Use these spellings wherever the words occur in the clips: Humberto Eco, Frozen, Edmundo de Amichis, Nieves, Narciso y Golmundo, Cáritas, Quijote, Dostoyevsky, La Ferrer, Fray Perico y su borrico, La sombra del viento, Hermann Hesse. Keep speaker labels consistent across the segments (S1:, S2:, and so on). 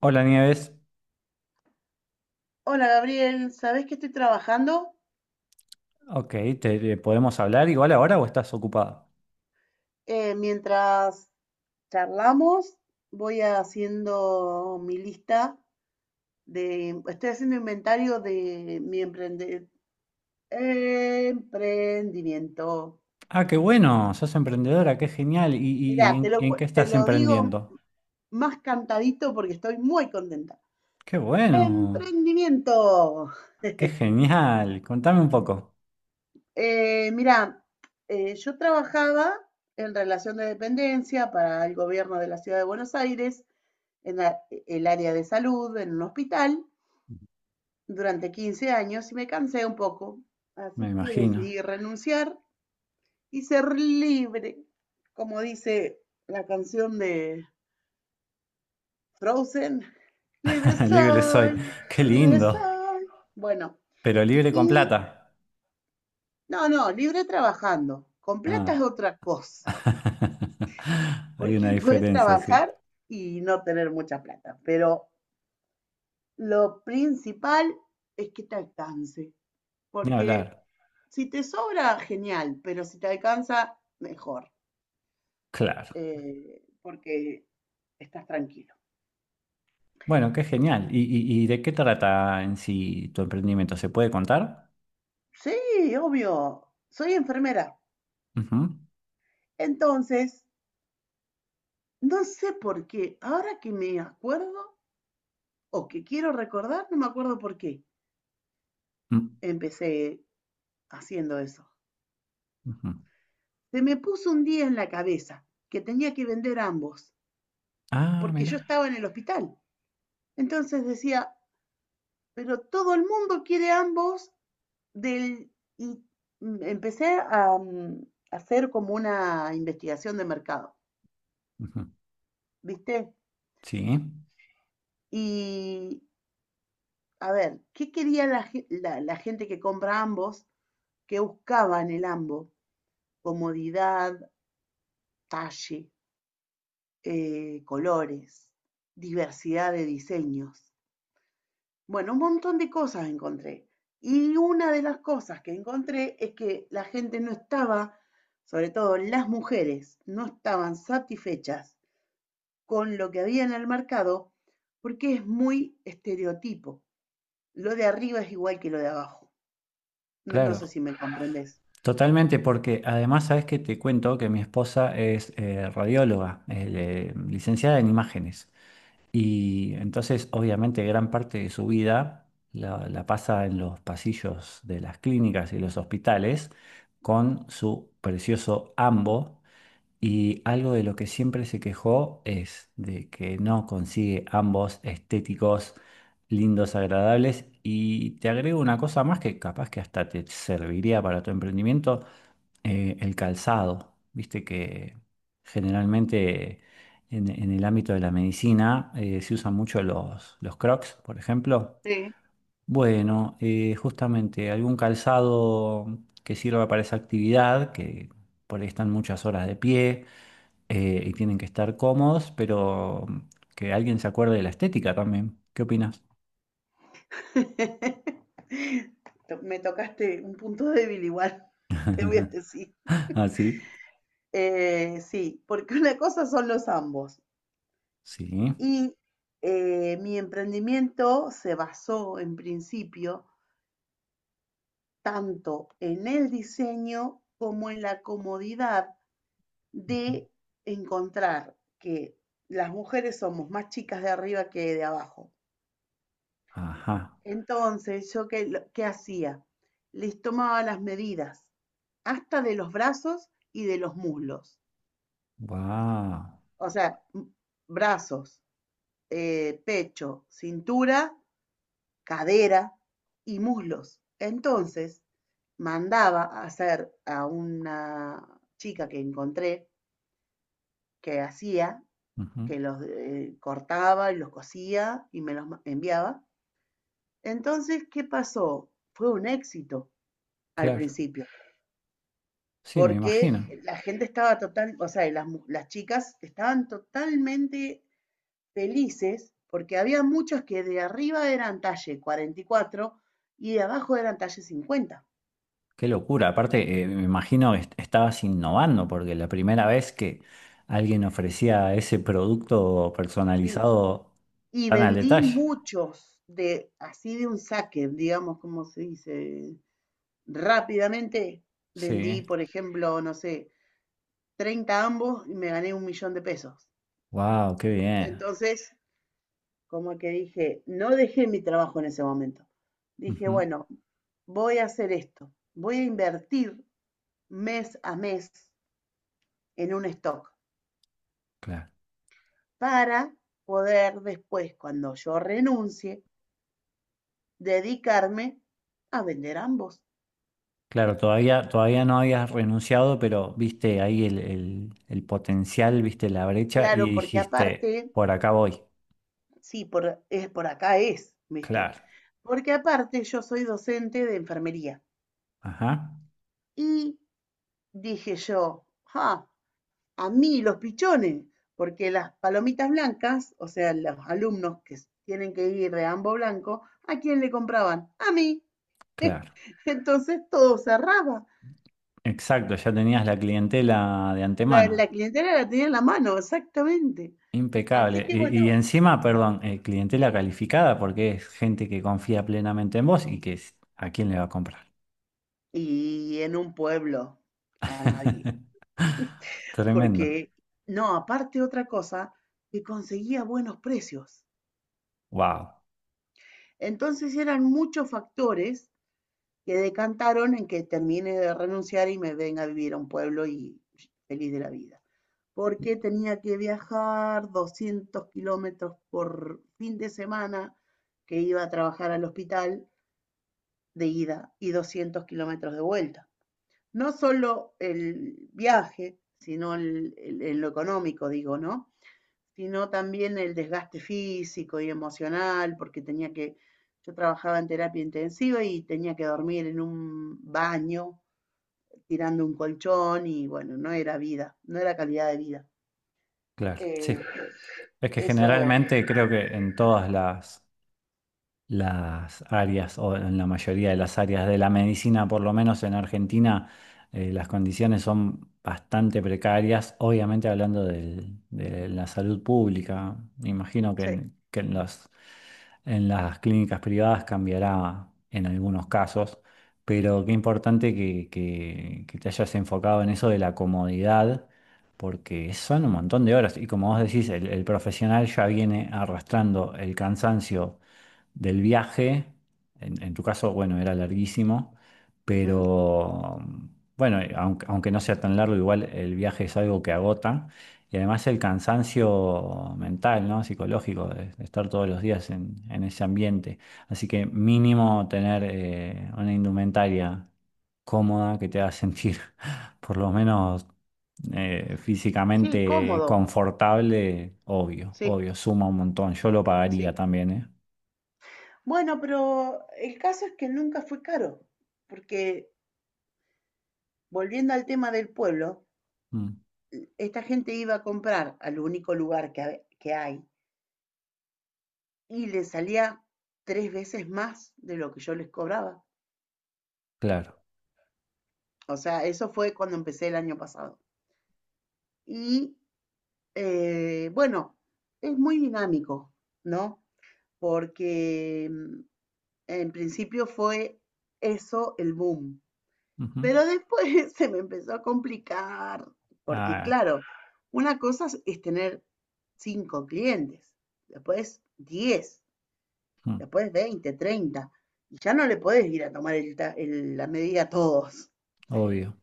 S1: Hola Nieves,
S2: Hola Gabriel, ¿sabés que estoy trabajando?
S1: ok, podemos hablar igual ahora o estás ocupada?
S2: Mientras charlamos, voy haciendo mi lista de, estoy haciendo inventario de mi emprendimiento.
S1: Ah, qué bueno, sos emprendedora, qué genial. ¿Y,
S2: Mirá,
S1: y- y en, y en qué
S2: te
S1: estás
S2: lo digo
S1: emprendiendo?
S2: más cantadito porque estoy muy contenta.
S1: Qué bueno,
S2: Emprendimiento.
S1: qué genial. Contame un poco.
S2: Mirá, yo trabajaba en relación de dependencia para el gobierno de la Ciudad de Buenos Aires en el área de salud, en un hospital, durante 15 años y me cansé un poco.
S1: Me
S2: Así que
S1: imagino.
S2: decidí renunciar y ser libre, como dice la canción de Frozen. Libre
S1: Libre soy.
S2: soy,
S1: Qué
S2: libre
S1: lindo,
S2: soy. Bueno,
S1: pero libre con
S2: y
S1: plata.
S2: no, no, libre trabajando. Con plata
S1: Ah.
S2: es otra cosa,
S1: Hay
S2: porque
S1: una
S2: puedes
S1: diferencia, sí.
S2: trabajar y no tener mucha plata. Pero lo principal es que te alcance,
S1: Ni
S2: porque
S1: hablar.
S2: si te sobra, genial, pero si te alcanza, mejor,
S1: Claro.
S2: porque estás tranquilo.
S1: Bueno, qué genial. ¿Y de qué trata en sí tu emprendimiento? ¿Se puede contar?
S2: Sí, obvio, soy enfermera.
S1: Ujú,
S2: Entonces, no sé por qué, ahora que me acuerdo o que quiero recordar, no me acuerdo por qué
S1: mm,
S2: empecé haciendo eso.
S1: ujú.
S2: Se me puso un día en la cabeza que tenía que vender ambos,
S1: Ah,
S2: porque yo
S1: mira.
S2: estaba en el hospital. Entonces decía, pero todo el mundo quiere ambos del, y empecé a hacer como una investigación de mercado,
S1: Ujú.
S2: ¿viste?
S1: Sí,
S2: Y a ver, ¿qué quería la gente que compra ambos? ¿Qué buscaban el ambos? Comodidad, talle, colores, diversidad de diseños. Bueno, un montón de cosas encontré. Y una de las cosas que encontré es que la gente no estaba, sobre todo las mujeres, no estaban satisfechas con lo que había en el mercado, porque es muy estereotipo. Lo de arriba es igual que lo de abajo. No sé
S1: claro.
S2: si me comprendes.
S1: Totalmente, porque además sabes que te cuento que mi esposa es radióloga, licenciada en imágenes. Y entonces, obviamente, gran parte de su vida la pasa en los pasillos de las clínicas y los hospitales con su precioso ambo. Y algo de lo que siempre se quejó es de que no consigue ambos estéticos lindos, agradables. Y te agrego una cosa más que capaz que hasta te serviría para tu emprendimiento, el calzado. Viste que generalmente en el ámbito de la medicina se usan mucho los Crocs, por ejemplo.
S2: Sí.
S1: Bueno, justamente algún calzado que sirva para esa actividad, que por ahí están muchas horas de pie y tienen que estar cómodos, pero que alguien se acuerde de la estética también. ¿Qué opinas?
S2: Me tocaste un punto débil igual, te voy a decir.
S1: Ah, sí.
S2: Sí, porque una cosa son los ambos.
S1: Sí.
S2: Y mi emprendimiento se basó en principio tanto en el diseño como en la comodidad
S1: Ujú.
S2: de encontrar que las mujeres somos más chicas de arriba que de abajo.
S1: Ajá.
S2: Entonces, ¿yo qué, qué hacía? Les tomaba las medidas, hasta de los brazos y de los muslos.
S1: Wow.
S2: O sea, brazos, pecho, cintura, cadera y muslos. Entonces, mandaba a hacer a una chica que encontré que hacía que los cortaba y los cosía y me los enviaba. Entonces, ¿qué pasó? Fue un éxito al
S1: Claro.
S2: principio,
S1: Sí, me
S2: porque
S1: imagino.
S2: la gente estaba total, o sea, las chicas estaban totalmente felices porque había muchos que de arriba eran talle 44 y de abajo eran talle 50.
S1: Qué locura. Aparte, me imagino que estabas innovando, porque la primera vez que alguien ofrecía ese producto
S2: Sí,
S1: personalizado
S2: y
S1: tan al
S2: vendí
S1: detalle.
S2: muchos de así de un saque, digamos, como se dice, rápidamente
S1: Sí.
S2: vendí, por ejemplo, no sé, 30 ambos y me gané $1.000.000.
S1: Wow, qué bien.
S2: Entonces, como que dije, no dejé mi trabajo en ese momento. Dije,
S1: Ujú,
S2: bueno, voy a hacer esto. Voy a invertir mes a mes en un stock
S1: claro.
S2: para poder después, cuando yo renuncie, dedicarme a vender ambos.
S1: Claro, todavía no habías renunciado, pero viste ahí el, el potencial, viste la brecha
S2: Claro,
S1: y
S2: porque
S1: dijiste,
S2: aparte,
S1: por acá voy.
S2: sí, por, es, por acá es, ¿viste?
S1: Claro.
S2: Porque aparte yo soy docente de enfermería.
S1: Ajá.
S2: Y dije yo, ah, a mí los pichones, porque las palomitas blancas, o sea, los alumnos que tienen que ir de ambos blanco, ¿a quién le compraban? A mí.
S1: Claro.
S2: Entonces todo cerraba.
S1: Exacto, ya tenías la clientela de
S2: La
S1: antemano.
S2: clientela la tenía en la mano, exactamente. Así
S1: Impecable.
S2: que
S1: Y
S2: bueno,
S1: encima, perdón, clientela calificada porque es gente que confía plenamente en vos y que a quién le va a comprar.
S2: y en un pueblo, a nadie.
S1: Tremendo.
S2: Porque, no, aparte otra cosa, que conseguía buenos precios.
S1: Wow.
S2: Entonces eran muchos factores que decantaron en que termine de renunciar y me venga a vivir a un pueblo y feliz de la vida. Porque tenía que viajar 200 kilómetros por fin de semana que iba a trabajar al hospital de ida y 200 kilómetros de vuelta. No solo el viaje, sino en lo económico, digo, ¿no? Sino también el desgaste físico y emocional, porque tenía que, yo trabajaba en terapia intensiva y tenía que dormir en un baño tirando un colchón y bueno, no era vida, no era calidad de vida.
S1: Claro. Sí.
S2: Eh,
S1: Es que
S2: eso,
S1: generalmente creo que en todas las áreas, o en la mayoría de las áreas de la medicina, por lo menos en Argentina, las condiciones son bastante precarias, obviamente hablando de la salud pública. Me imagino que
S2: sí.
S1: que en en las clínicas privadas cambiará en algunos casos, pero qué importante que te hayas enfocado en eso de la comodidad. Porque son un montón de horas y como vos decís, el profesional ya viene arrastrando el cansancio del viaje. En tu caso, bueno, era larguísimo,
S2: Mm,
S1: pero bueno, aunque no sea tan largo, igual el viaje es algo que agota. Y además el cansancio mental, ¿no? Psicológico, de estar todos los días en ese ambiente. Así que mínimo tener una indumentaria cómoda que te haga sentir por lo menos
S2: sí,
S1: físicamente
S2: cómodo,
S1: confortable, obvio,
S2: sí,
S1: obvio, suma un montón. Yo lo pagaría
S2: sí.
S1: también, ¿eh?
S2: Bueno, pero el caso es que nunca fue caro, porque volviendo al tema del pueblo,
S1: Mm.
S2: esta gente iba a comprar al único lugar que hay y le salía tres veces más de lo que yo les cobraba.
S1: Claro.
S2: O sea, eso fue cuando empecé el año pasado. Y bueno, es muy dinámico, ¿no? Porque en principio fue eso el boom,
S1: Ujú.
S2: pero después se me empezó a complicar, porque
S1: Ah,
S2: claro, una tener 5 clientes, después 10,
S1: mm,
S2: después 20, 30 y ya no le podés ir a tomar la medida a todos.
S1: obvio.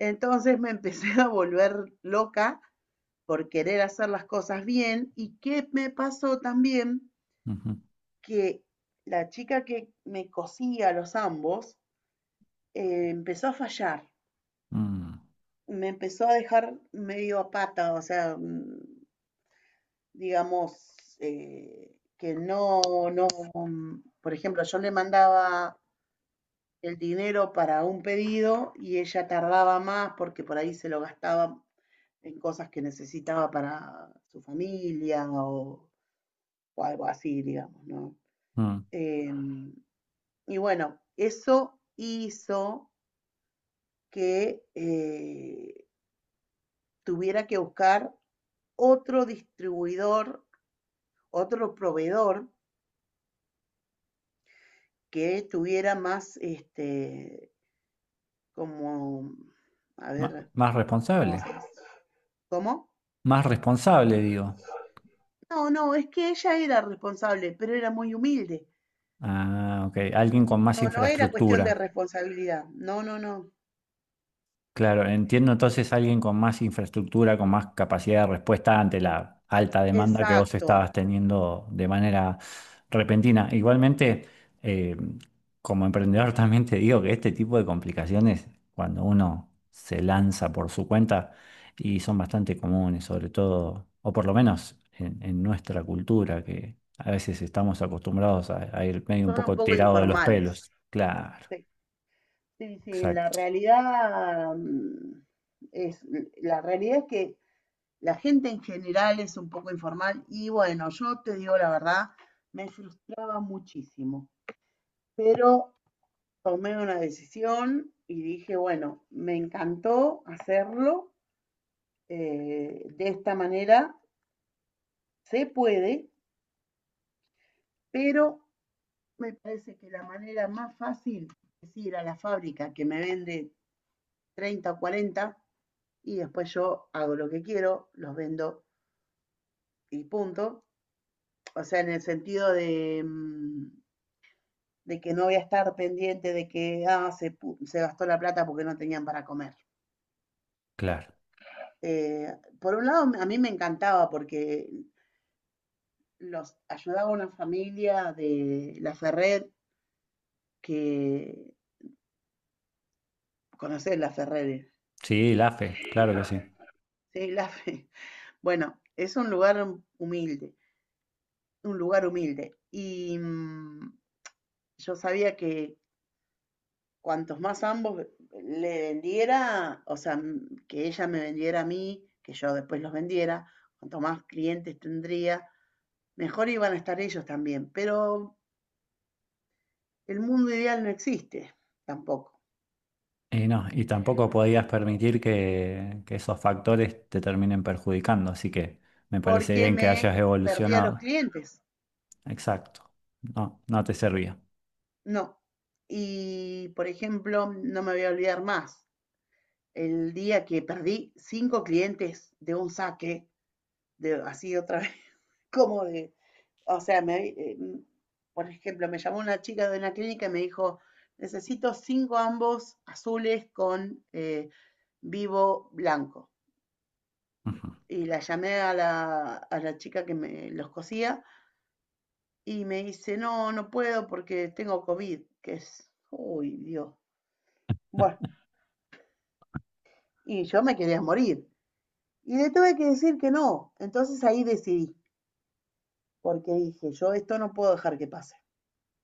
S2: Entonces me empecé a volver loca por querer hacer las cosas bien y qué me pasó también
S1: Ujú.
S2: que la chica que me cosía los ambos empezó a fallar,
S1: Mm,
S2: me empezó a dejar medio a pata, o sea, digamos, que no, no, mm, por ejemplo, yo le mandaba el dinero para un pedido y ella tardaba más porque por ahí se lo gastaba en cosas que necesitaba para su familia o algo así, digamos, ¿no?
S1: mm.
S2: Em, y bueno, eso hizo que tuviera que buscar otro distribuidor, otro proveedor que tuviera más, este, como, a ver,
S1: Más
S2: ¿cómo
S1: responsable.
S2: se dice? ¿Cómo?
S1: Más responsable, digo.
S2: No, no, es que ella era responsable, pero era muy humilde.
S1: Ah, ok. Alguien con más
S2: No, no era cuestión de
S1: infraestructura.
S2: responsabilidad. No, no, no.
S1: Claro, entiendo entonces alguien con más infraestructura, con más capacidad de respuesta ante la alta demanda que vos
S2: Exacto.
S1: estabas teniendo de manera repentina. Igualmente, eh, como emprendedor también te digo que este tipo de complicaciones, cuando uno se lanza por su cuenta, y son bastante comunes, sobre todo, o por lo menos en nuestra cultura, que a veces estamos acostumbrados a ir medio un
S2: Son un
S1: poco
S2: poco
S1: tirado de los
S2: informales.
S1: pelos. Claro,
S2: Se sí, sí, la
S1: exacto,
S2: realidad es, la realidad es que la gente en general es un poco informal y bueno, yo te digo la verdad, me frustraba muchísimo, pero tomé una decisión y dije, bueno, me encantó hacerlo de esta manera, se puede, pero me parece que la manera más fácil es ir a la fábrica que me vende 30 o 40, y después yo hago lo que quiero, los vendo y punto. O sea, en el sentido de, de que no voy a estar pendiente de que ah, se gastó la plata porque no tenían para comer.
S1: claro.
S2: Eh, por un lado, a mí me encantaba porque los ayudaba una familia de La Ferrer, que conoces La Ferrer,
S1: Sí, la fe, claro que sí.
S2: ¿sí? Bueno, es un lugar humilde, un lugar humilde. Y yo sabía que cuantos más ambos le vendiera, o sea, que ella me vendiera a mí, que yo después los vendiera, cuanto más clientes tendría, mejor iban a estar ellos también. Pero el mundo ideal no existe tampoco,
S1: Y no, y tampoco podías permitir que esos factores te terminen perjudicando, así que me parece
S2: porque
S1: bien que
S2: me
S1: hayas
S2: perdía los
S1: evolucionado.
S2: clientes.
S1: Exacto. No, no te servía.
S2: No. Y, por ejemplo, no me voy a olvidar más el día que perdí 5 clientes de un saque, de, así otra vez, como de, o sea, por ejemplo, me llamó una chica de una clínica y me dijo, necesito 5 ambos azules con vivo blanco.
S1: Ujú.
S2: Y la llamé a a la chica que me los cosía y me dice, no, no puedo porque tengo COVID, que es, uy, Dios. Bueno, y yo me quería morir. Y le tuve que decir que no. Entonces ahí decidí, porque dije, yo esto no puedo dejar que pase.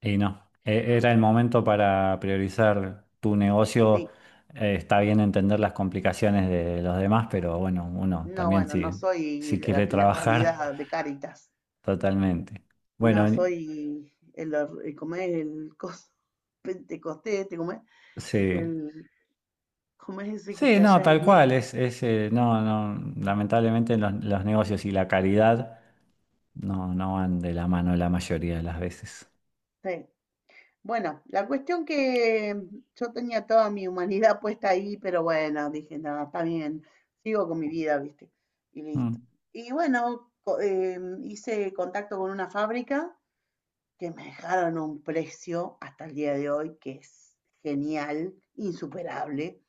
S1: Y no, era el momento para priorizar tu negocio.
S2: Sí.
S1: Está bien entender las complicaciones de los demás, pero bueno, uno
S2: No,
S1: también
S2: bueno, no
S1: si,
S2: soy
S1: si quiere
S2: la
S1: trabajar,
S2: calidad de Cáritas.
S1: totalmente. Bueno,
S2: No, soy ¿cómo es? El coso pentecostés, este, ¿cómo es?
S1: sí.
S2: El, ¿cómo es ese que
S1: Sí,
S2: está
S1: no,
S2: allá en
S1: tal
S2: Wii?
S1: cual, es, no, no, lamentablemente los negocios y la caridad no, no van de la mano la mayoría de las veces.
S2: Sí. Bueno, la cuestión que yo tenía toda mi humanidad puesta ahí, pero bueno, dije, no, está bien, sigo con mi vida, ¿viste? Y listo.
S1: Mm,
S2: Y bueno, hice contacto con una fábrica que me dejaron a un precio hasta el día de hoy que es genial, insuperable.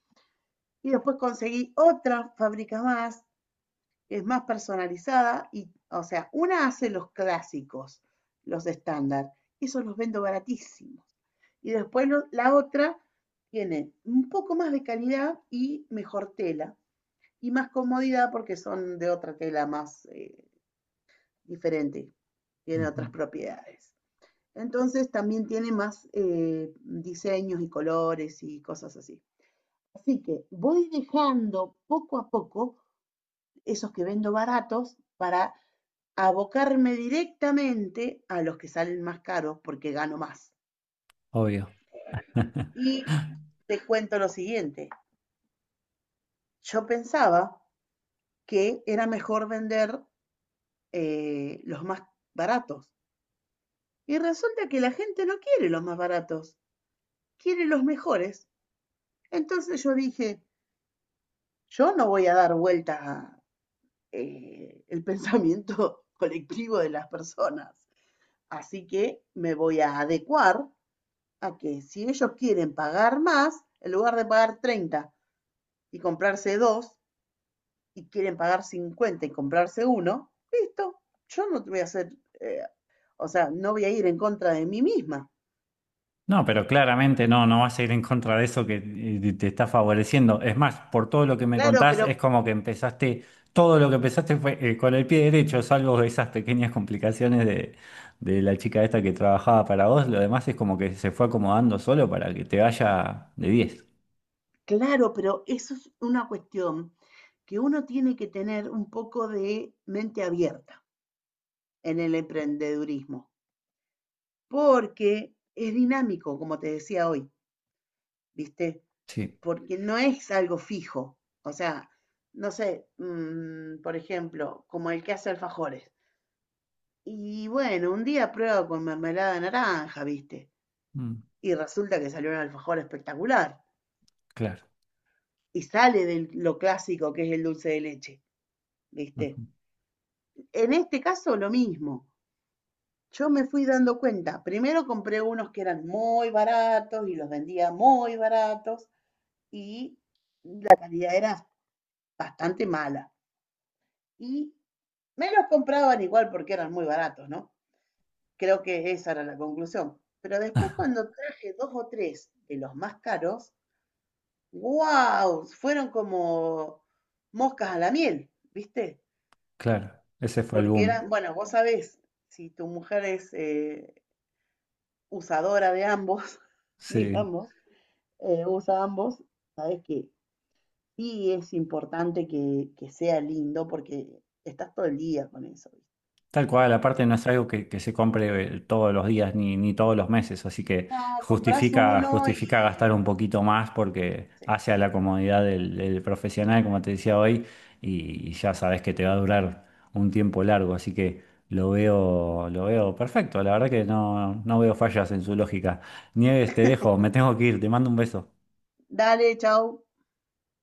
S2: Y después conseguí otra fábrica más, que es más personalizada y, o sea, una hace los clásicos, los estándar, esos los vendo baratísimos. Y después la otra tiene un poco más de calidad y mejor tela y más comodidad porque son de otra tela más diferente, tiene
S1: ujú,
S2: otras propiedades. Entonces también tiene más diseños y colores y cosas así. Así que voy dejando poco a poco esos que vendo baratos para abocarme directamente a los que salen más caros porque gano más.
S1: obvio.
S2: Y te cuento lo siguiente. Yo pensaba que era mejor vender los más baratos. Y resulta que la gente no quiere los más baratos, quiere los mejores. Entonces yo dije, yo no voy a dar vueltas a, el pensamiento colectivo de las personas. Así que me voy a adecuar a que si ellos quieren pagar más, en lugar de pagar 30 y comprarse dos, y quieren pagar 50 y comprarse uno, listo, yo no te voy a hacer, o sea, no voy a ir en contra de mí misma.
S1: No, pero claramente no, no vas a ir en contra de eso que te está favoreciendo. Es más, por todo lo que me
S2: Claro,
S1: contás,
S2: pero,
S1: es como que empezaste, todo lo que empezaste fue con el pie derecho, salvo esas pequeñas complicaciones de la chica esta que trabajaba para vos. Lo demás es como que se fue acomodando solo para que te vaya de 10.
S2: claro, pero eso es una cuestión que uno tiene que tener un poco de mente abierta en el emprendedurismo, porque es dinámico, como te decía hoy, ¿viste?
S1: Sí.
S2: Porque no es algo fijo. O sea, no sé, por ejemplo, como el que hace alfajores. Y bueno, un día prueba con mermelada de naranja, ¿viste?
S1: Mm,
S2: Y resulta que salió un alfajor espectacular.
S1: claro,
S2: Y sale de lo clásico que es el dulce de leche, ¿viste?
S1: ujú,
S2: En este caso, lo mismo. Yo me fui dando cuenta. Primero compré unos que eran muy baratos y los vendía muy baratos. Y la calidad era bastante mala. Y me los compraban igual porque eran muy baratos, ¿no? Creo que esa era la conclusión. Pero después cuando traje dos o tres de los más caros, wow, fueron como moscas a la miel, ¿viste?
S1: claro, ese fue el
S2: Porque
S1: boom.
S2: eran, bueno, vos sabés, si tu mujer es usadora de ambos,
S1: Sí,
S2: digamos, usa ambos, sabés que sí es importante que sea lindo porque estás todo el día con eso.
S1: tal cual, aparte no es algo que se compre todos los días ni, ni todos los meses, así que
S2: No, compras
S1: justifica,
S2: uno y
S1: justifica gastar un poquito más porque
S2: sí.
S1: hace a la comodidad del, del profesional, como te decía hoy, y ya sabes que te va a durar un tiempo largo, así que lo veo perfecto, la verdad que no, no veo fallas en su lógica. Nieves, te dejo, me tengo que ir, te mando un beso.
S2: Dale, chao.